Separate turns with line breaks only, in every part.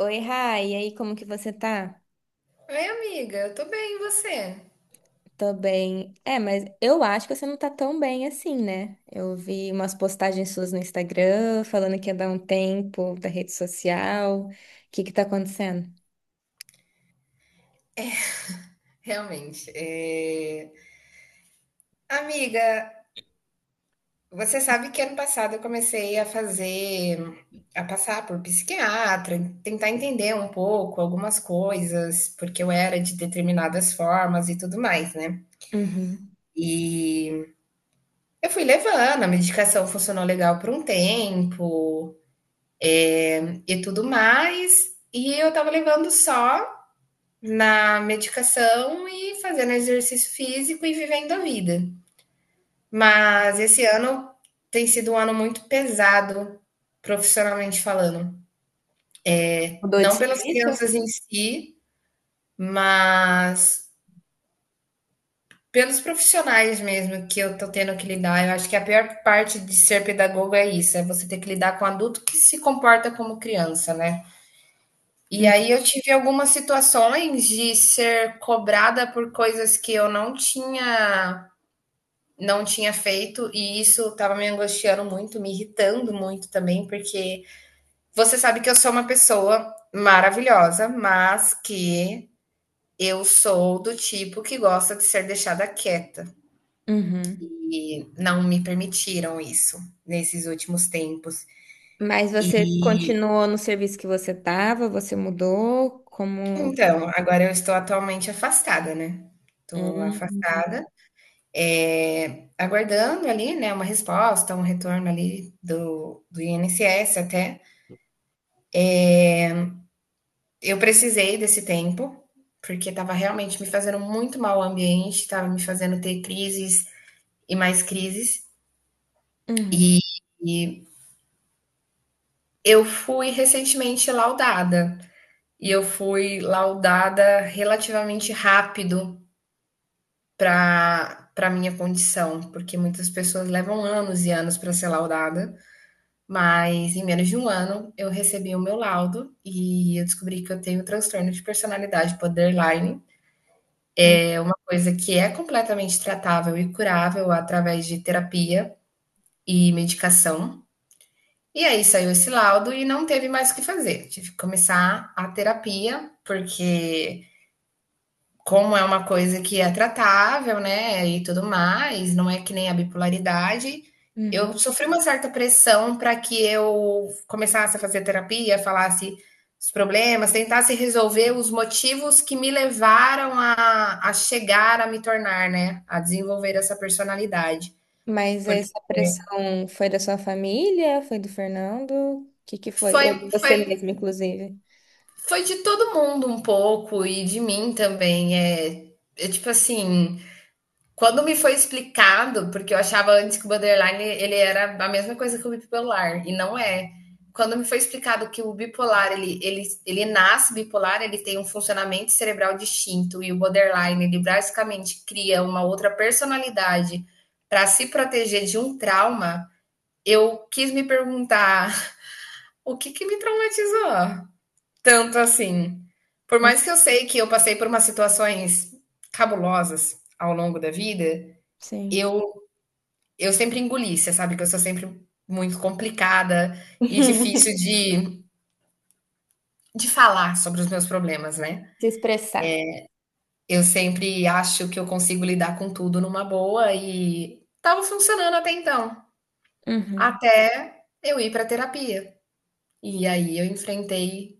Oi, Rai, e aí, como que você tá?
Oi, amiga, eu tô bem, e você?
Tô bem. É, mas eu acho que você não tá tão bem assim, né? Eu vi umas postagens suas no Instagram falando que ia dar um tempo da rede social. O que que tá acontecendo?
Realmente. Amiga, você sabe que ano passado eu comecei a passar por psiquiatra, tentar entender um pouco algumas coisas, porque eu era de determinadas formas e tudo mais, né?
Uhum.
E eu fui levando, a medicação funcionou legal por um tempo e tudo mais, e eu tava levando só na medicação e fazendo exercício físico e vivendo a vida. Mas esse ano tem sido um ano muito pesado, profissionalmente falando.
Mudou de
Não pelas
serviço?
crianças em si, mas pelos profissionais mesmo que eu tô tendo que lidar. Eu acho que a pior parte de ser pedagogo é isso, é você ter que lidar com adulto que se comporta como criança, né? E
Hum.
aí eu tive algumas situações de ser cobrada por coisas que eu não tinha feito e isso estava me angustiando muito, me irritando muito também, porque você sabe que eu sou uma pessoa maravilhosa, mas que eu sou do tipo que gosta de ser deixada quieta.
Uhum.
E não me permitiram isso nesses últimos tempos.
Mas você continuou no serviço que você tava? Você mudou? Como?
Então, agora eu estou atualmente afastada, né? Estou
Hum.
afastada, aguardando ali, né, uma resposta, um retorno ali do INSS até. Eu precisei desse tempo, porque estava realmente me fazendo muito mal o ambiente, estava me fazendo ter crises e mais crises.
Uhum.
E, e eu fui recentemente laudada. E eu fui laudada relativamente rápido para minha condição, porque muitas pessoas levam anos e anos para ser laudada, mas em menos de um ano eu recebi o meu laudo e eu descobri que eu tenho transtorno de personalidade borderline,
Uhum.
uma coisa que é completamente tratável e curável através de terapia e medicação. E aí saiu esse laudo e não teve mais o que fazer. Tive que começar a terapia, porque como é uma coisa que é tratável, né, e tudo mais, não é que nem a bipolaridade,
Uhum.
eu sofri uma certa pressão para que eu começasse a fazer terapia, falasse os problemas, tentasse resolver os motivos que me levaram a chegar a me tornar, né, a desenvolver essa personalidade.
Mas
Porque
essa pressão foi da sua família? Foi do Fernando? O que que foi?
foi,
Ou de você
foi
mesmo, inclusive?
Foi de todo mundo um pouco e de mim também. É tipo assim, quando me foi explicado, porque eu achava antes que o borderline ele era a mesma coisa que o bipolar, e não é. Quando me foi explicado que o bipolar ele nasce bipolar, ele tem um funcionamento cerebral distinto, e o borderline ele basicamente cria uma outra personalidade para se proteger de um trauma, eu quis me perguntar o que, que me traumatizou tanto assim? Por
Hum.
mais que eu sei que eu passei por umas situações cabulosas ao longo da vida,
Sim.
eu, eu sempre engoli, você sabe que eu sou sempre muito complicada e difícil de falar sobre os meus problemas, né?
Se expressar.
Eu sempre acho que eu consigo lidar com tudo numa boa e estava funcionando até então,
Uhum.
até eu ir para terapia. E aí eu enfrentei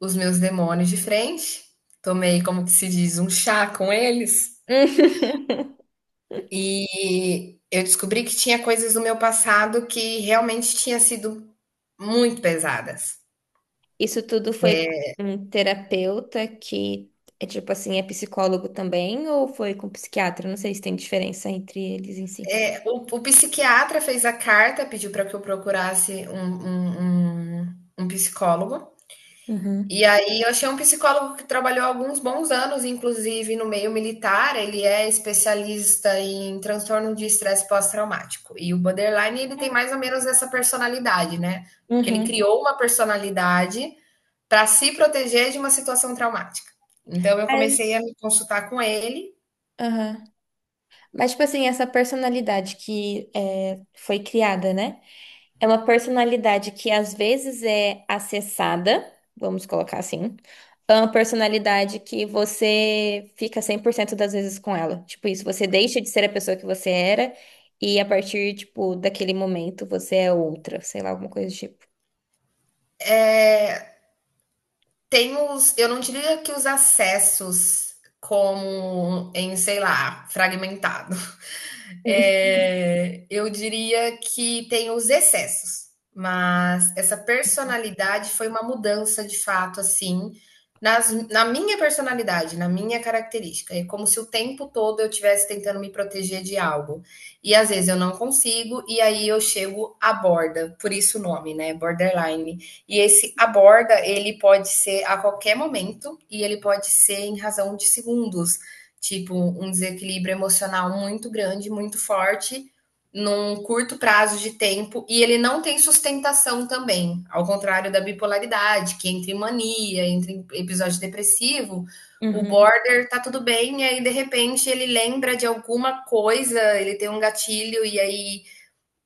os meus demônios de frente, tomei, como que se diz, um chá com eles. E eu descobri que tinha coisas do meu passado que realmente tinha sido muito pesadas.
Isso tudo foi com um terapeuta que é tipo assim, é psicólogo também, ou foi com psiquiatra? Não sei se tem diferença entre eles em si.
É, o psiquiatra fez a carta, pediu para que eu procurasse um psicólogo.
Uhum.
E aí eu achei um psicólogo que trabalhou alguns bons anos, inclusive, no meio militar. Ele é especialista em transtorno de estresse pós-traumático. E o borderline, ele tem mais ou menos essa personalidade, né? Porque ele
Uhum.
criou uma personalidade para se proteger de uma situação traumática. Então eu
É.
comecei a me consultar com ele.
Aham. Mas, tipo assim, essa personalidade que é, foi criada, né? É uma personalidade que às vezes é acessada, vamos colocar assim. É uma personalidade que você fica 100% das vezes com ela. Tipo isso, você deixa de ser a pessoa que você era e a partir, tipo, daquele momento você é outra, sei lá, alguma coisa do tipo.
É, tem os, eu não diria que os acessos como em, sei lá, fragmentado.
Hum.
É, eu diria que tem os excessos, mas essa personalidade foi uma mudança de fato, assim, na minha personalidade, na minha característica. É como se o tempo todo eu estivesse tentando me proteger de algo. E às vezes eu não consigo, e aí eu chego à borda, por isso o nome, né? Borderline. E esse à borda, ele pode ser a qualquer momento, e ele pode ser em razão de segundos, tipo um desequilíbrio emocional muito grande, muito forte, num curto prazo de tempo, e ele não tem sustentação também, ao contrário da bipolaridade, que entre mania, entre episódio depressivo, o
Uhum,
border tá tudo bem, e aí de repente ele lembra de alguma coisa, ele tem um gatilho, e aí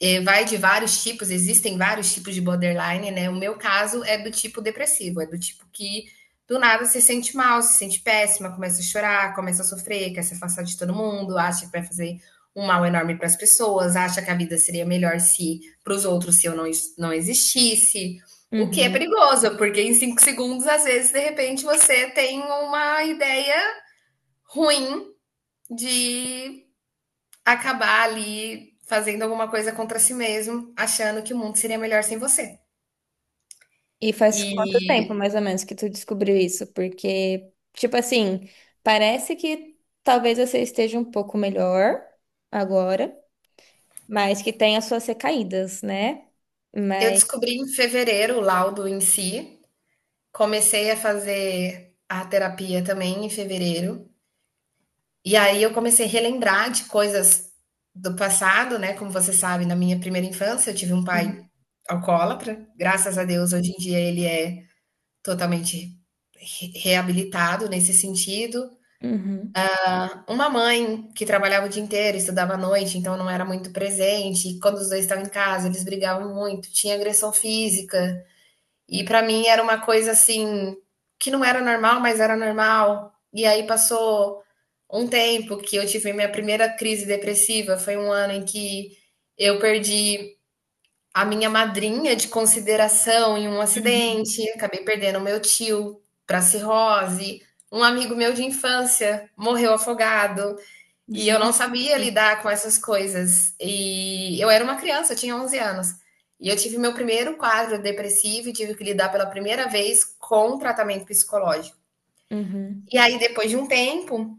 é, vai de vários tipos, existem vários tipos de borderline, né? O meu caso é do tipo depressivo, é do tipo que do nada se sente mal, se sente péssima, começa a chorar, começa a sofrer, quer se afastar de todo mundo, acha que vai fazer um mal enorme para as pessoas, acha que a vida seria melhor se para os outros se eu não existisse. O que é
uhum.
perigoso, porque em 5 segundos, às vezes, de repente, você tem uma ideia ruim de acabar ali fazendo alguma coisa contra si mesmo, achando que o mundo seria melhor sem você.
E faz quanto tempo,
E
mais ou menos, que tu descobriu isso? Porque, tipo assim, parece que talvez você esteja um pouco melhor agora, mas que tem as suas recaídas, né?
eu
Mas.
descobri em fevereiro o laudo em si, comecei a fazer a terapia também em fevereiro, e aí eu comecei a relembrar de coisas do passado, né? Como você sabe, na minha primeira infância eu tive um
Uhum.
pai alcoólatra, graças a Deus hoje em dia ele é totalmente reabilitado nesse sentido.
Uhum,
Uma mãe que trabalhava o dia inteiro, estudava à noite, então não era muito presente. E quando os dois estavam em casa, eles brigavam muito, tinha agressão física. E pra mim era uma coisa assim que não era normal, mas era normal. E aí passou um tempo que eu tive minha primeira crise depressiva, foi um ano em que eu perdi a minha madrinha de consideração em um
uhum.
acidente, acabei perdendo o meu tio para cirrose, um amigo meu de infância morreu afogado. E eu não
Gente,
sabia lidar com essas coisas. E eu era uma criança, eu tinha 11 anos. E eu tive meu primeiro quadro depressivo e tive que lidar pela primeira vez com tratamento psicológico.
uhum,
E aí, depois de um tempo,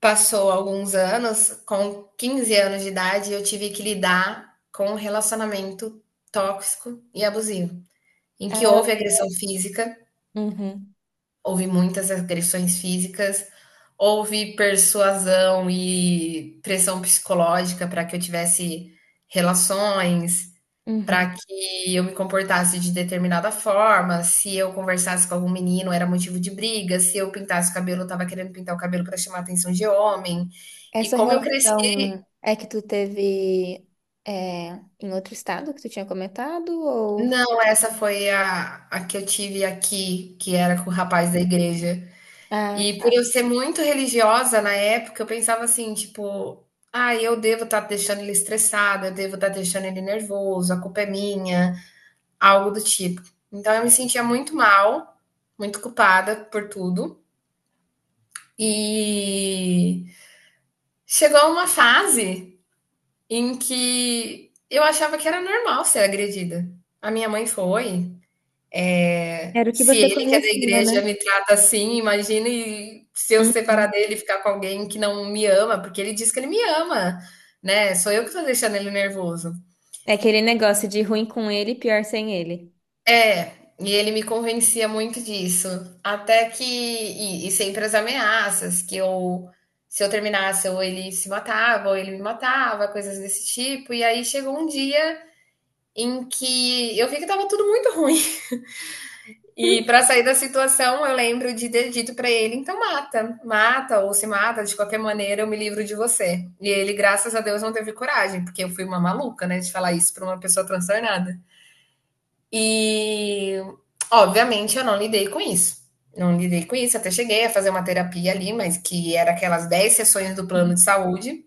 passou alguns anos, com 15 anos de idade, eu tive que lidar com um relacionamento tóxico e abusivo, em que
ah,
houve agressão física.
uhum,
Houve muitas agressões físicas, houve persuasão e pressão psicológica para que eu tivesse relações, para
uhum.
que eu me comportasse de determinada forma. Se eu conversasse com algum menino, era motivo de briga. Se eu pintasse o cabelo, eu estava querendo pintar o cabelo para chamar a atenção de homem. E
Essa
como eu cresci.
relação é que tu teve é, em outro estado que tu tinha comentado, ou.
Não, essa foi a que eu tive aqui, que era com o rapaz da igreja.
Ah,
E por
tá.
eu ser muito religiosa na época, eu pensava assim, tipo, ah, eu devo estar deixando ele estressado, eu devo estar deixando ele nervoso, a culpa é minha, algo do tipo. Então eu me sentia muito mal, muito culpada por tudo. E chegou uma fase em que eu achava que era normal ser agredida. A minha mãe foi.
Era o que
Se
você
ele que é da
conhecia, né?
igreja me trata assim, imagine se eu separar
Uhum.
dele e ficar com alguém que não me ama, porque ele diz que ele me ama, né? Sou eu que tô deixando ele nervoso.
É aquele negócio de ruim com ele, pior sem ele.
É, e ele me convencia muito disso. Até que. E sempre as ameaças, que eu. Se eu terminasse, ou ele se matava, ou ele me matava, coisas desse tipo. E aí chegou um dia em que eu vi que tava tudo muito ruim. E para sair da situação, eu lembro de ter dito para ele: então mata, mata ou se mata, de qualquer maneira eu me livro de você. E ele, graças a Deus, não teve coragem, porque eu fui uma maluca, né, de falar isso para uma pessoa transtornada. E, obviamente, eu não lidei com isso. Não lidei com isso, até cheguei a fazer uma terapia ali, mas que era aquelas 10 sessões do
Hum.
plano de saúde.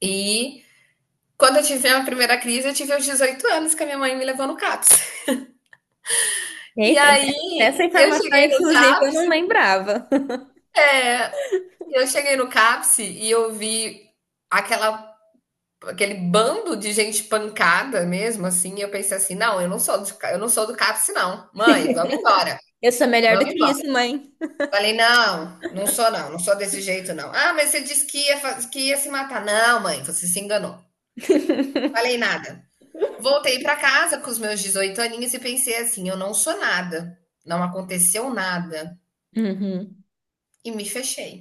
E quando eu tive a primeira crise, eu tive aos 18 anos que a minha mãe me levou no CAPS. E
Eita, né?
aí
Essa
eu
informação,
cheguei no
inclusive,
CAPS
eu não lembrava.
Eu cheguei no CAPS e eu vi aquela, aquele bando de gente pancada mesmo, assim. E eu pensei assim, não, eu não sou do CAPS, não. Mãe, vamos embora,
Eu sou melhor do
vamos
que
embora.
isso, mãe.
Falei, não, não sou não, não sou desse jeito não. Ah, mas você disse que ia, que ia se matar. Não, mãe, você se enganou. Falei nada. Voltei para casa com os meus 18 aninhos e pensei assim, eu não sou nada. Não aconteceu nada.
Uhum.
E me fechei.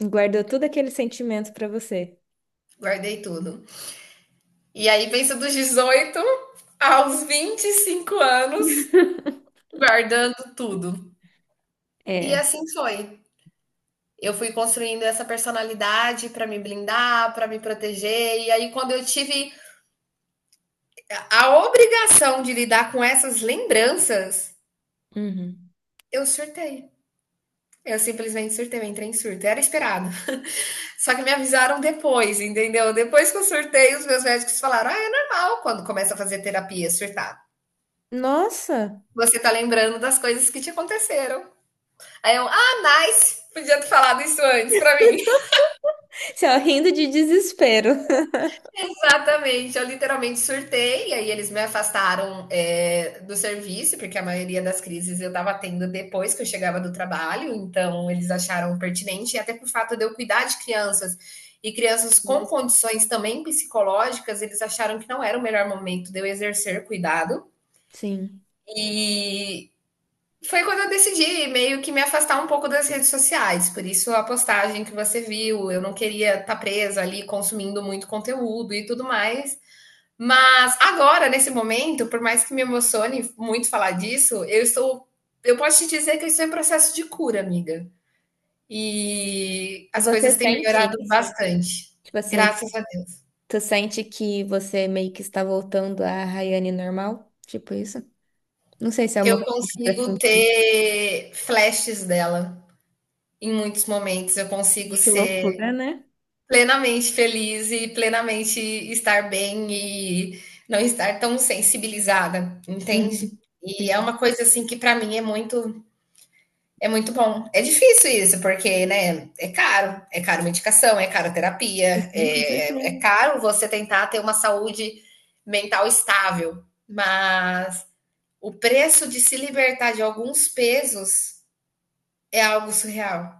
Guardou todo aquele sentimento pra você.
Guardei tudo. E aí pensa dos 18 aos 25 anos, guardando tudo. E
É.
assim foi. Eu fui construindo essa personalidade para me blindar, para me proteger. E aí, quando eu tive a obrigação de lidar com essas lembranças,
Uhum.
eu surtei. Eu simplesmente surtei, eu entrei em surto. Era esperado. Só que me avisaram depois, entendeu? Depois que eu surtei, os meus médicos falaram: ah, é normal quando começa a fazer terapia surtar.
Nossa!
Você tá lembrando das coisas que te aconteceram. Aí eu, ah, nice! Podia ter falado isso antes pra mim.
Você ó, rindo de desespero.
Exatamente, eu literalmente surtei, e aí eles me afastaram é, do serviço, porque a maioria das crises eu tava tendo depois que eu chegava do trabalho, então eles acharam pertinente, e até por fato de eu cuidar de crianças e crianças com condições também psicológicas, eles acharam que não era o melhor momento de eu exercer cuidado.
Sim.
E, foi quando eu decidi meio que me afastar um pouco das redes sociais, por isso a postagem que você viu, eu não queria estar presa ali consumindo muito conteúdo e tudo mais. Mas agora, nesse momento, por mais que me emocione muito falar disso, eu estou. Eu posso te dizer que eu estou em processo de cura, amiga. E
E
as coisas
você
têm
sente
melhorado
isso?
bastante.
Tipo assim,
Graças a Deus.
tu sente que você meio que está voltando à Rayane normal? Tipo isso? Não sei se é uma
Eu
coisa que dá pra
consigo
sentir.
ter flashes dela em muitos momentos. Eu consigo
Gente, que
ser
loucura, né?
plenamente feliz e plenamente estar bem e não estar tão sensibilizada,
Uhum.
entende? E é
Sim.
uma coisa assim que para mim é muito bom. É difícil isso, porque né, é caro medicação, é caro terapia,
Sim, com
é
certeza.
caro você tentar ter uma saúde mental estável, mas o preço de se libertar de alguns pesos é algo surreal.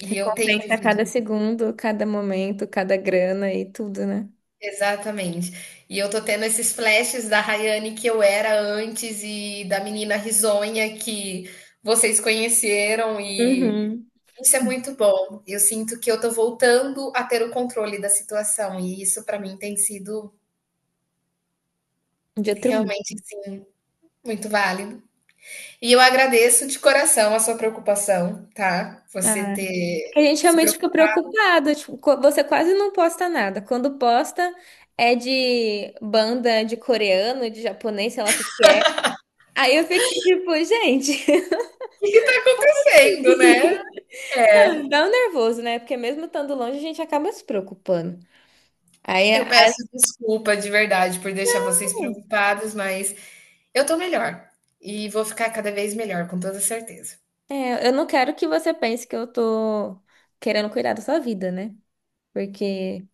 E eu tenho
Recompensa
vivido.
cada segundo, cada momento, cada grana e tudo, né?
Exatamente. E eu tô tendo esses flashes da Rayane que eu era antes e da menina risonha que vocês conheceram e
Uhum.
isso é muito bom. Eu sinto que eu tô voltando a ter o controle da situação e isso pra mim tem sido
De outro
realmente, assim, muito válido. E eu agradeço de coração a sua preocupação, tá? Você
mundo.
ter
A gente
se
realmente fica
preocupado
preocupado, tipo, você quase não posta nada. Quando posta é de banda de coreano, de japonês, sei lá o que que é. Aí eu fico tipo, gente.
com o que tá acontecendo, né? É,
Não, dá um nervoso, né? Porque mesmo estando longe, a gente acaba se preocupando. Aí,
eu
aí-
peço desculpa de verdade por deixar vocês
hum,
preocupados, mas eu tô melhor, e vou ficar cada vez melhor, com toda certeza.
É, eu não quero que você pense que eu tô querendo cuidar da sua vida, né? Porque,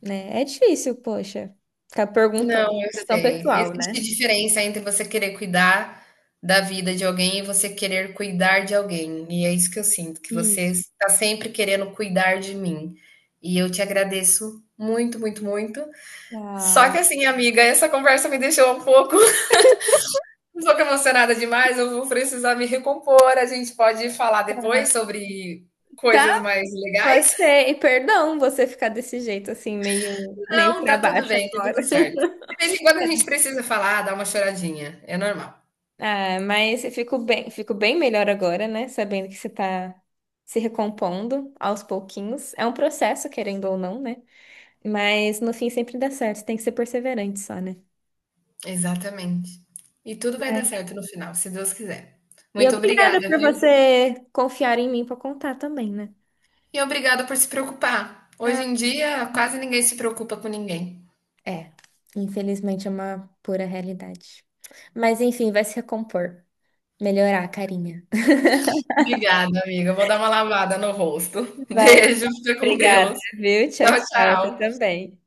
né, é difícil, poxa, ficar perguntando,
Não, eu
é tão
sei.
pessoal,
Existe
né?
diferença entre você querer cuidar da vida de alguém e você querer cuidar de alguém, e é isso que eu sinto, que você
Isso.
está sempre querendo cuidar de mim. E eu te agradeço muito, muito, muito. Só
Ah.
que assim, amiga, essa conversa me deixou um pouco um pouco emocionada demais, eu vou precisar me recompor. A gente pode falar depois sobre coisas
Tá.
mais
Pode
legais?
ser. E perdão você ficar desse jeito assim, meio
Não,
para
tá tudo
baixo
bem, tá tudo
agora.
certo. De vez em quando a gente precisa falar, dar uma choradinha, é normal.
Ah, mas eu fico bem melhor agora, né? Sabendo que você tá se recompondo aos pouquinhos. É um processo, querendo ou não, né? Mas no fim sempre dá certo. Tem que ser perseverante só, né?
Exatamente. E tudo vai dar
É.
certo no final, se Deus quiser.
E
Muito
obrigada
obrigada,
por
viu?
você confiar em mim para contar também, né?
E obrigada por se preocupar. Hoje
Ah.
em dia, quase ninguém se preocupa com ninguém.
É, infelizmente é uma pura realidade. Mas enfim, vai se recompor, melhorar a carinha.
Obrigada, amiga. Eu vou dar uma lavada no rosto.
Vai.
Beijo, fica com
Obrigada,
Deus.
viu? Tchau,
Tchau,
tchau. Você
tchau.
também.